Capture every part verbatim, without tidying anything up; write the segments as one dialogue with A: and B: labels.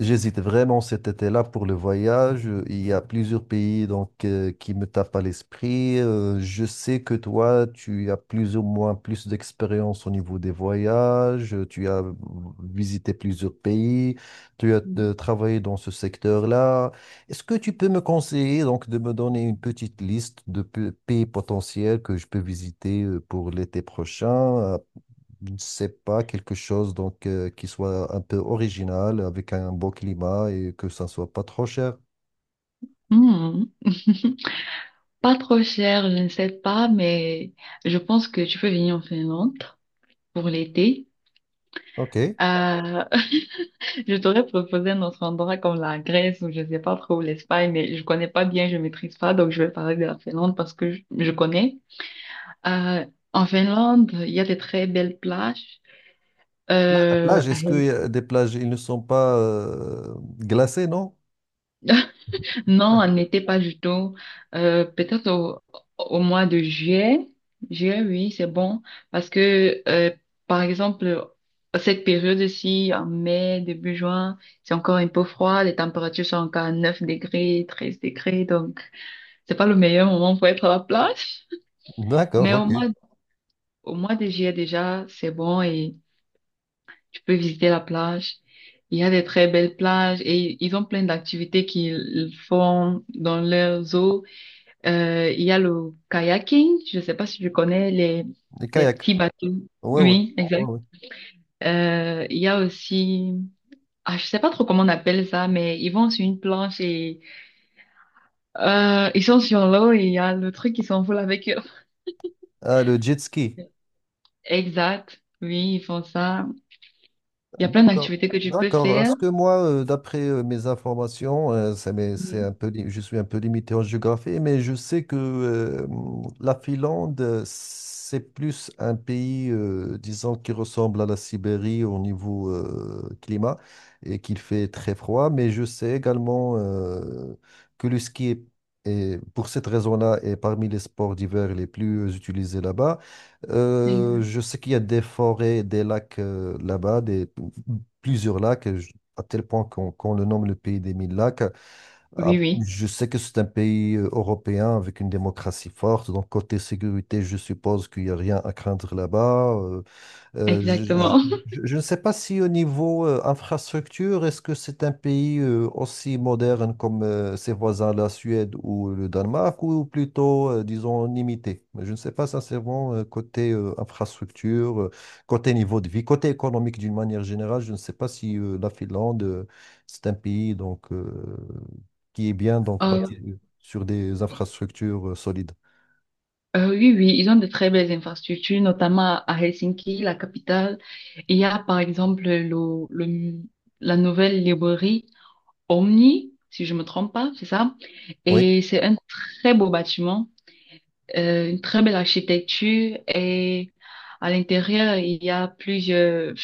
A: J'hésite vraiment cet été-là pour le voyage. Euh, Il y a plusieurs pays donc euh, qui me tapent à l'esprit. Euh, je sais que toi, tu as plus ou moins plus d'expérience au niveau des voyages. Euh, Tu as visité plusieurs pays. Tu as
B: Mm.
A: euh, travaillé dans ce secteur-là. Est-ce que tu peux me conseiller donc de me donner une petite liste de pe- pays potentiels que je peux visiter euh, pour l'été prochain? euh, je ne sais pas, quelque chose donc euh, qui soit un peu original, avec un beau climat et que ça ne soit pas trop cher.
B: Hmm. Pas trop cher, je ne sais pas, mais je pense que tu peux venir en Finlande pour l'été.
A: OK.
B: Euh, je t'aurais proposé un autre endroit comme la Grèce ou je ne sais pas trop l'Espagne, mais je connais pas bien, je maîtrise pas, donc je vais parler de la Finlande parce que je, je connais. Euh, En Finlande, il y a des très belles plages.
A: La la
B: Euh,
A: plage, est-ce que y a des plages, ils ne sont pas euh, glacés, non?
B: Non, on n'était pas du tout. Euh, peut-être au, au mois de juillet. Juillet, oui, c'est bon. Parce que, euh, par exemple, cette période-ci, en mai, début juin, c'est encore un peu froid. Les températures sont encore à neuf degrés, treize degrés. Donc, c'est pas le meilleur moment pour être à la plage.
A: D'accord,
B: Mais au
A: OK.
B: mois, au mois de juillet, déjà, c'est bon et tu peux visiter la plage. Il y a des très belles plages et ils ont plein d'activités qu'ils font dans leurs eaux. Euh, il y a le kayaking, je ne sais pas si tu connais les,
A: Les
B: les
A: kayaks.
B: petits bateaux.
A: Ouais, ouais.
B: Oui,
A: Ouais,
B: exact.
A: ouais.
B: Euh, il y a aussi, ah, je sais pas trop comment on appelle ça, mais ils vont sur une planche et euh, ils sont sur l'eau et il y a le truc qui s'envole avec eux.
A: Ah, le jet ski.
B: Exact. Oui, ils font ça. Il y a plein
A: D'accord,
B: d'activités que tu peux
A: d'accord. Parce
B: faire.
A: que moi, euh, d'après euh, mes informations, euh, ça m'est- c'est un peu, li- je suis un peu limité en géographie, mais je sais que euh, la Finlande, euh, c'est plus un pays, euh, disons, qui ressemble à la Sibérie au niveau euh, climat et qu'il fait très froid. Mais je sais également euh, que le ski est, est- pour cette raison-là, est parmi les sports d'hiver les plus euh, utilisés là-bas. Euh,
B: Exact.
A: je sais qu'il y a des forêts, des lacs euh, là-bas, des, plusieurs lacs, je- à tel point qu'on qu'on le nomme le pays des mille lacs. Ah,
B: Oui, oui,
A: Je sais que c'est un pays euh, européen avec une démocratie forte, donc côté sécurité, je suppose qu'il n'y a rien à craindre là-bas. euh, euh,
B: exactement.
A: je ne sais pas si au niveau euh, infrastructure, est-ce que c'est un pays euh, aussi moderne comme euh, ses voisins, la Suède ou le Danemark, ou plutôt, euh, disons, limité. Mais je ne sais pas sincèrement euh, côté euh, infrastructure, euh, côté niveau de vie, côté économique d'une manière générale. Je ne sais pas si euh, la Finlande, euh, c'est un pays donc, euh, qui est bien donc, bâti
B: Euh,
A: sur des infrastructures euh, solides.
B: Euh, oui, oui, ils ont de très belles infrastructures, notamment à Helsinki, la capitale. Il y a par exemple le, le- la nouvelle librairie Omni, si je me trompe pas, c'est ça.
A: Oui,
B: Et c'est un très beau bâtiment, euh, une très belle architecture. Et à l'intérieur, il y a plusieurs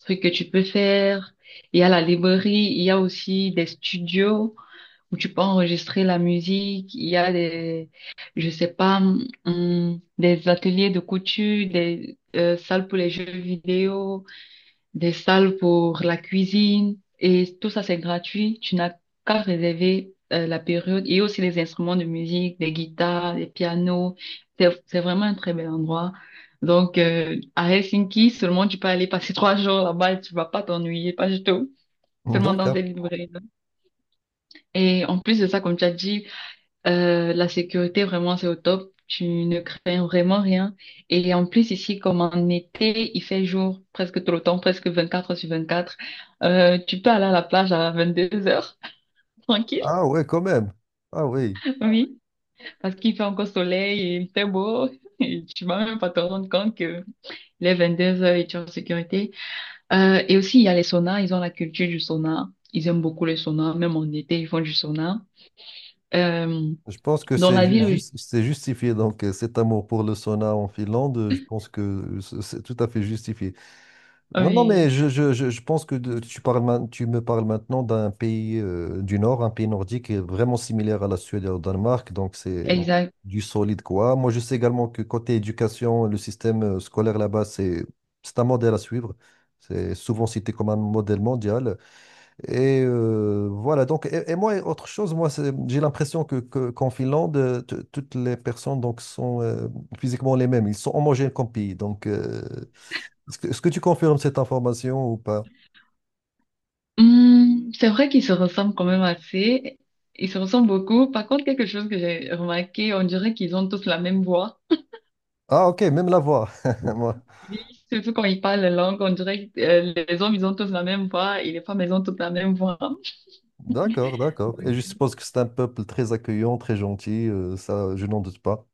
B: trucs que tu peux faire. Il y a la librairie, il y a aussi des studios où tu peux enregistrer la musique. Il y a des, je sais pas, hum, des ateliers de couture, des euh, salles pour les jeux vidéo, des salles pour la cuisine. Et tout ça, c'est gratuit. Tu n'as qu'à réserver euh, la période, et aussi les instruments de musique, des guitares, des pianos. C'est, c'est vraiment un très bel endroit. Donc, euh, à Helsinki, seulement tu peux aller passer trois jours là-bas et tu vas pas t'ennuyer, pas du tout. Seulement dans
A: d'accord.
B: ces librairies. Et en plus de ça, comme tu as dit, euh, la sécurité, vraiment, c'est au top. Tu ne crains vraiment rien. Et en plus, ici, comme en été, il fait jour presque tout le temps, presque vingt-quatre heures sur vingt-quatre. Euh, tu peux aller à la plage à vingt-deux heures, tranquille,
A: Ah ouais, quand même. Ah oui.
B: oui, parce qu'il fait encore soleil et il fait beau. Et tu vas même pas te rendre compte que les vingt-deux heures, et tu es en sécurité. Euh, et aussi, il y a les saunas. Ils ont la culture du sauna. Ils aiment beaucoup les saunas. Même en été, ils font du sauna. Euh,
A: Je pense que
B: dans
A: c'est
B: la
A: ju-
B: ville,
A: juste, c'est justifié. Donc, euh, cet amour pour le sauna en Finlande, euh, je pense que c- c'est tout à fait justifié.
B: où-
A: Non, non, mais
B: oui.
A: je, je, je, je pense que de- tu parles, main- tu me parles maintenant d'un pays euh, du Nord, un pays nordique qui est vraiment similaire à la Suède et au Danemark. Donc, c'est du solide, quoi. Moi, je sais également que côté éducation, le système euh, scolaire là-bas, c'est, c'est un modèle à suivre. C'est souvent cité comme un modèle mondial. Et euh, voilà, donc, et, et moi, et autre chose, moi, c'est- j'ai l'impression que, que- qu'en Finlande, euh, t- toutes les personnes donc, sont euh, physiquement les mêmes. Ils sont homogènes comme pays. Donc, euh, est-ce que, est-ce que tu confirmes cette information ou pas?
B: Hmm, c'est vrai qu'ils se ressemblent quand même assez. Ils se ressemblent beaucoup. Par contre, quelque chose que j'ai remarqué, on dirait qu'ils ont tous la même voix.
A: Ah, ok, même la voix. Moi.
B: Oui. Surtout quand ils parlent la langue, on dirait que euh, les hommes, ils ont tous la même voix et les femmes, elles ont toutes la même voix.
A: D'accord, d'accord. Et je
B: Donc,
A: suppose que c'est un peuple très accueillant, très gentil, euh, ça, je n'en doute pas.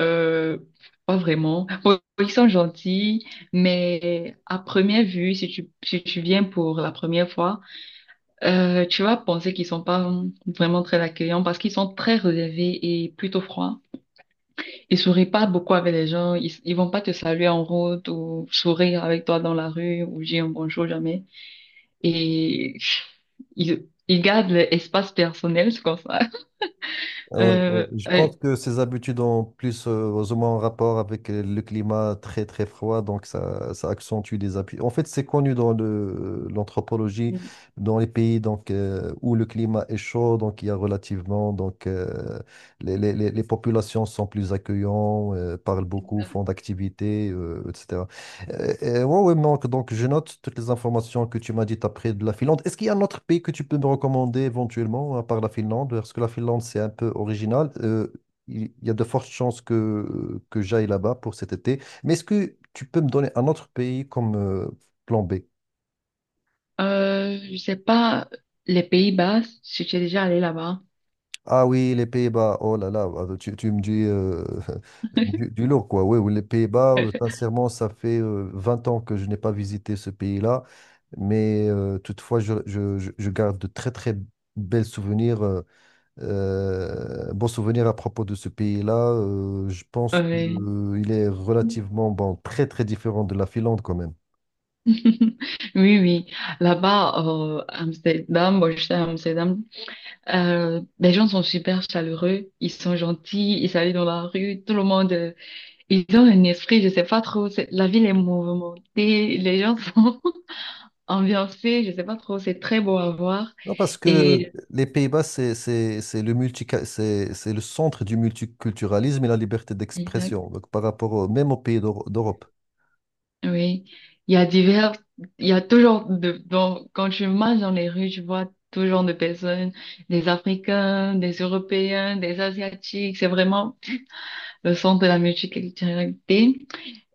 B: euh, pas vraiment. Bon, ils sont gentils, mais à première vue, si tu, si tu viens pour la première fois, euh, tu vas penser qu'ils sont pas vraiment très accueillants parce qu'ils sont très relevés et plutôt froids. Ils sourient pas beaucoup avec les gens. Ils, ils vont pas te saluer en route ou sourire avec toi dans la rue ou dire un bonjour jamais. Et ils, ils gardent l'espace personnel, c'est comme ça.
A: Ah oui, oui.
B: Euh,
A: Je
B: euh,
A: pense que ces habitudes ont plus euh, ou moins en rapport avec euh, le climat très très froid, donc ça, ça accentue les appuis. En fait, c'est connu dans le, l'anthropologie, dans les pays donc, euh, où le climat est chaud, donc il y a relativement, donc euh, les, les, les les populations sont plus accueillantes, euh, parlent beaucoup, font d'activités, euh, et cetera. Euh, euh, ouais, ouais, manque. Donc je note toutes les informations que tu m'as dites après de la Finlande. Est-ce qu'il y a un autre pays que tu peux me recommander éventuellement, à part la Finlande? Parce que la Finlande, c'est un peu original. Euh, il il y a de fortes chances que, que j'aille là-bas pour cet été. Mais est-ce que tu peux me donner un autre pays comme euh, plan B?
B: euh, je sais pas, les Pays-Bas, si tu es déjà allé là-bas.
A: Ah oui, les Pays-Bas, oh là là, ah, tu, tu me dis euh, du, du lourd, quoi. Oui, oui, les Pays-Bas, euh, sincèrement, ça fait euh, vingt ans que je n'ai pas visité ce pays-là, mais euh, toutefois, je, je- je- je garde de très, très belles souvenirs, euh, euh, bons souvenirs à propos de ce pays-là. Euh, je pense
B: Ouais.
A: qu'il est relativement, bon, très, très différent de la Finlande quand même.
B: Oui, oui. Là-bas, euh, Amsterdam, bon, je suis à Amsterdam, euh, les gens sont super chaleureux, ils sont gentils, ils s'allient dans la rue, tout le monde. euh, Ils ont un esprit, je sais pas trop. c'est- La ville est mouvementée, les gens sont ambiancés, je sais pas trop. C'est très beau à voir.
A: Non, parce que
B: Et
A: les Pays-Bas, c'est c'est- c'est le multi, c'est c'est le centre du multiculturalisme et la liberté
B: exact,
A: d'expression, donc par rapport au- même aux pays d'Euro- d'Europe.
B: oui, il y a divers, il y a toujours de. Donc, quand tu marches dans les rues, tu vois tout genre de personnes, des Africains, des Européens, des Asiatiques. C'est vraiment le centre de la multiculturalité.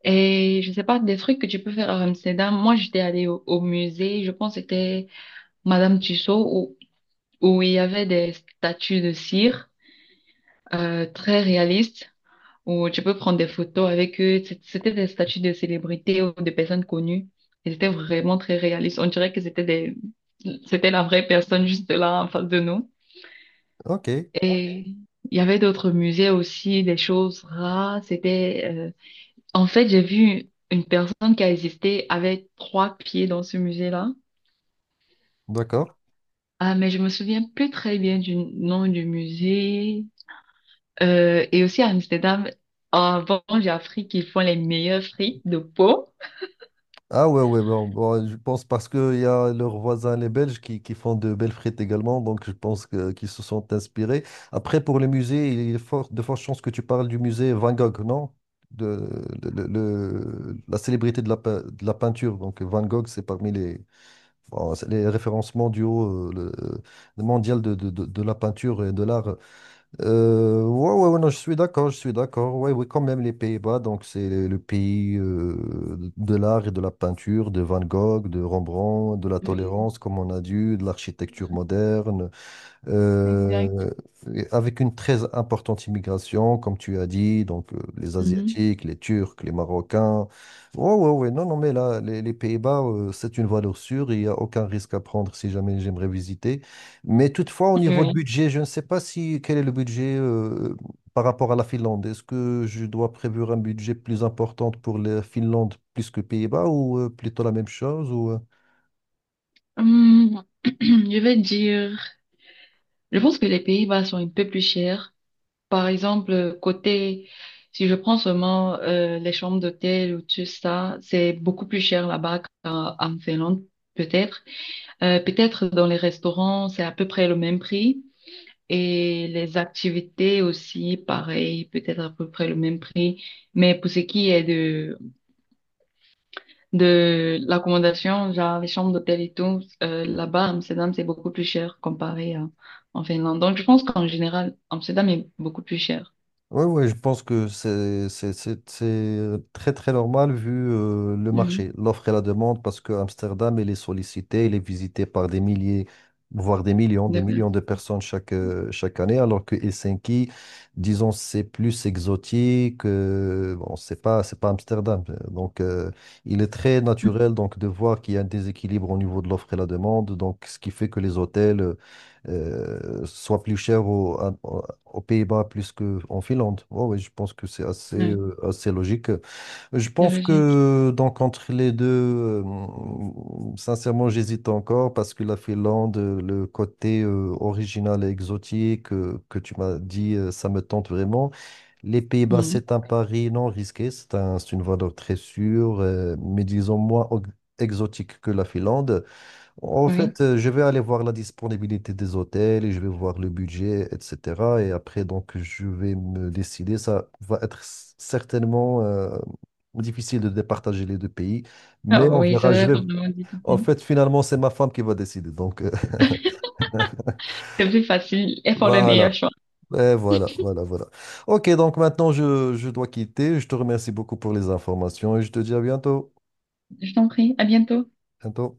B: Et je sais pas des trucs que tu peux faire à Amsterdam. Moi, j'étais allée au, au musée. Je pense que c'était Madame Tussaud où il y avait des statues de cire, euh, très réalistes, où tu peux prendre des photos avec eux. C'est- C'était des statues de célébrités ou de personnes connues. Et c'était vraiment très réaliste. On dirait que c'était des... c'était la vraie personne juste là en face de nous.
A: OK,
B: Et il y avait d'autres musées aussi, des choses rares. C'était, euh, en fait, j'ai vu une personne qui a existé avec trois pieds dans ce musée-là.
A: d'accord.
B: Ah, mais je me souviens plus très bien du nom du musée. Euh, et aussi à Amsterdam, avant, j'ai appris qu'ils font les meilleurs frites de peau.
A: Ah ouais, ouais, bon, bon, je pense parce qu'il y a leurs voisins, les Belges, qui, qui font de belles frites également, donc je pense que, qu'ils se sont inspirés. Après, pour le musée, il est fort, de fortes chances que tu parles du musée Van Gogh, non? De, le, le- le- la célébrité de la, pe- de la peinture, donc Van Gogh, c'est parmi les. Bon, c'est les références mondiaux, euh, le- le mondial de, de, de- de la peinture et de l'art. Euh, ouais, ouais, ouais, non, je suis d'accord, je suis d'accord. Ouais, oui, quand même, les Pays-Bas, donc c'est le, le pays euh, de l'art et de la peinture, de Van Gogh, de Rembrandt, de la
B: Oui,
A: tolérance, comme on a dit, de l'architecture moderne
B: exact.
A: euh, et avec une très importante immigration, comme tu as dit, donc euh, les
B: Mhm.
A: Asiatiques, les Turcs, les Marocains. Ouais, ouais, ouais. Non, non, mais là, les, les Pays-Bas, euh, c'est une valeur sûre, il n'y a aucun risque à prendre si jamais j'aimerais visiter. Mais toutefois, au niveau de
B: Oui.
A: budget, je ne sais pas si quel est le budget euh, par rapport à la Finlande. Est-ce que je dois prévoir un budget plus important pour la Finlande plus que Pays-Bas ou euh, plutôt la même chose ou, euh,
B: Hum, je vais dire, je pense que les Pays-Bas sont un peu plus chers. Par exemple, côté, si je prends seulement euh, les chambres d'hôtel ou tout ça, c'est beaucoup plus cher là-bas qu'en en Finlande, peut-être. Euh, peut-être dans les restaurants, c'est à peu près le même prix. Et les activités aussi, pareil, peut-être à peu près le même prix. Mais pour ce qui est de, de l'accommodation, genre les chambres d'hôtel et tout, euh, là-bas, à Amsterdam, c'est beaucoup plus cher comparé à, en Finlande. Donc, je pense qu'en général, Amsterdam est beaucoup plus cher.
A: Oui, oui, je pense que c'est c'est- c'est- c'est très très normal vu euh, le
B: Oui,
A: marché, l'offre et la demande, parce que Amsterdam, il est sollicité, il est visité par des milliers, voire des millions, des
B: de base.
A: millions de personnes chaque, euh, chaque année, alors que Helsinki, disons, c'est plus exotique, euh, bon, c'est pas, c'est pas Amsterdam. euh, Donc, euh, il est très naturel donc, de voir qu'il y a un déséquilibre au niveau de l'offre et la demande, donc, ce qui fait que les hôtels euh, soient plus chers au, à- aux Pays-Bas plus qu'en Finlande. Ouais, ouais, je pense que c'est assez,
B: Oui,
A: euh, assez logique. Je
B: c'est
A: pense
B: logique.
A: que donc entre les deux, euh, sincèrement, j'hésite encore parce que la Finlande, euh, le côté euh, original et exotique euh, que tu m'as dit, euh, ça me tente vraiment. Les Pays-Bas,
B: Mhm.
A: c'est un pari non risqué, c'est un, c'est une valeur très sûre, euh, mais disons moins ex- exotique que la Finlande. En
B: Oui.
A: fait, euh, je vais aller voir la disponibilité des hôtels et je vais voir le budget, et cetera. Et après, donc, je vais me décider. Ça va être s- certainement euh, difficile de départager les deux pays, mais
B: Ah
A: on
B: oui, ça
A: verra.
B: doit
A: Je vais...
B: être vraiment
A: En
B: difficile.
A: fait, finalement, c'est ma femme qui va décider. Donc, euh,
B: C'est plus facile. Elles font le meilleur
A: voilà.
B: choix.
A: Et voilà, voilà, voilà. OK, donc maintenant, je, je dois quitter. Je te remercie beaucoup pour les informations et je te dis à bientôt.
B: Je t'en prie. À bientôt.
A: Bientôt.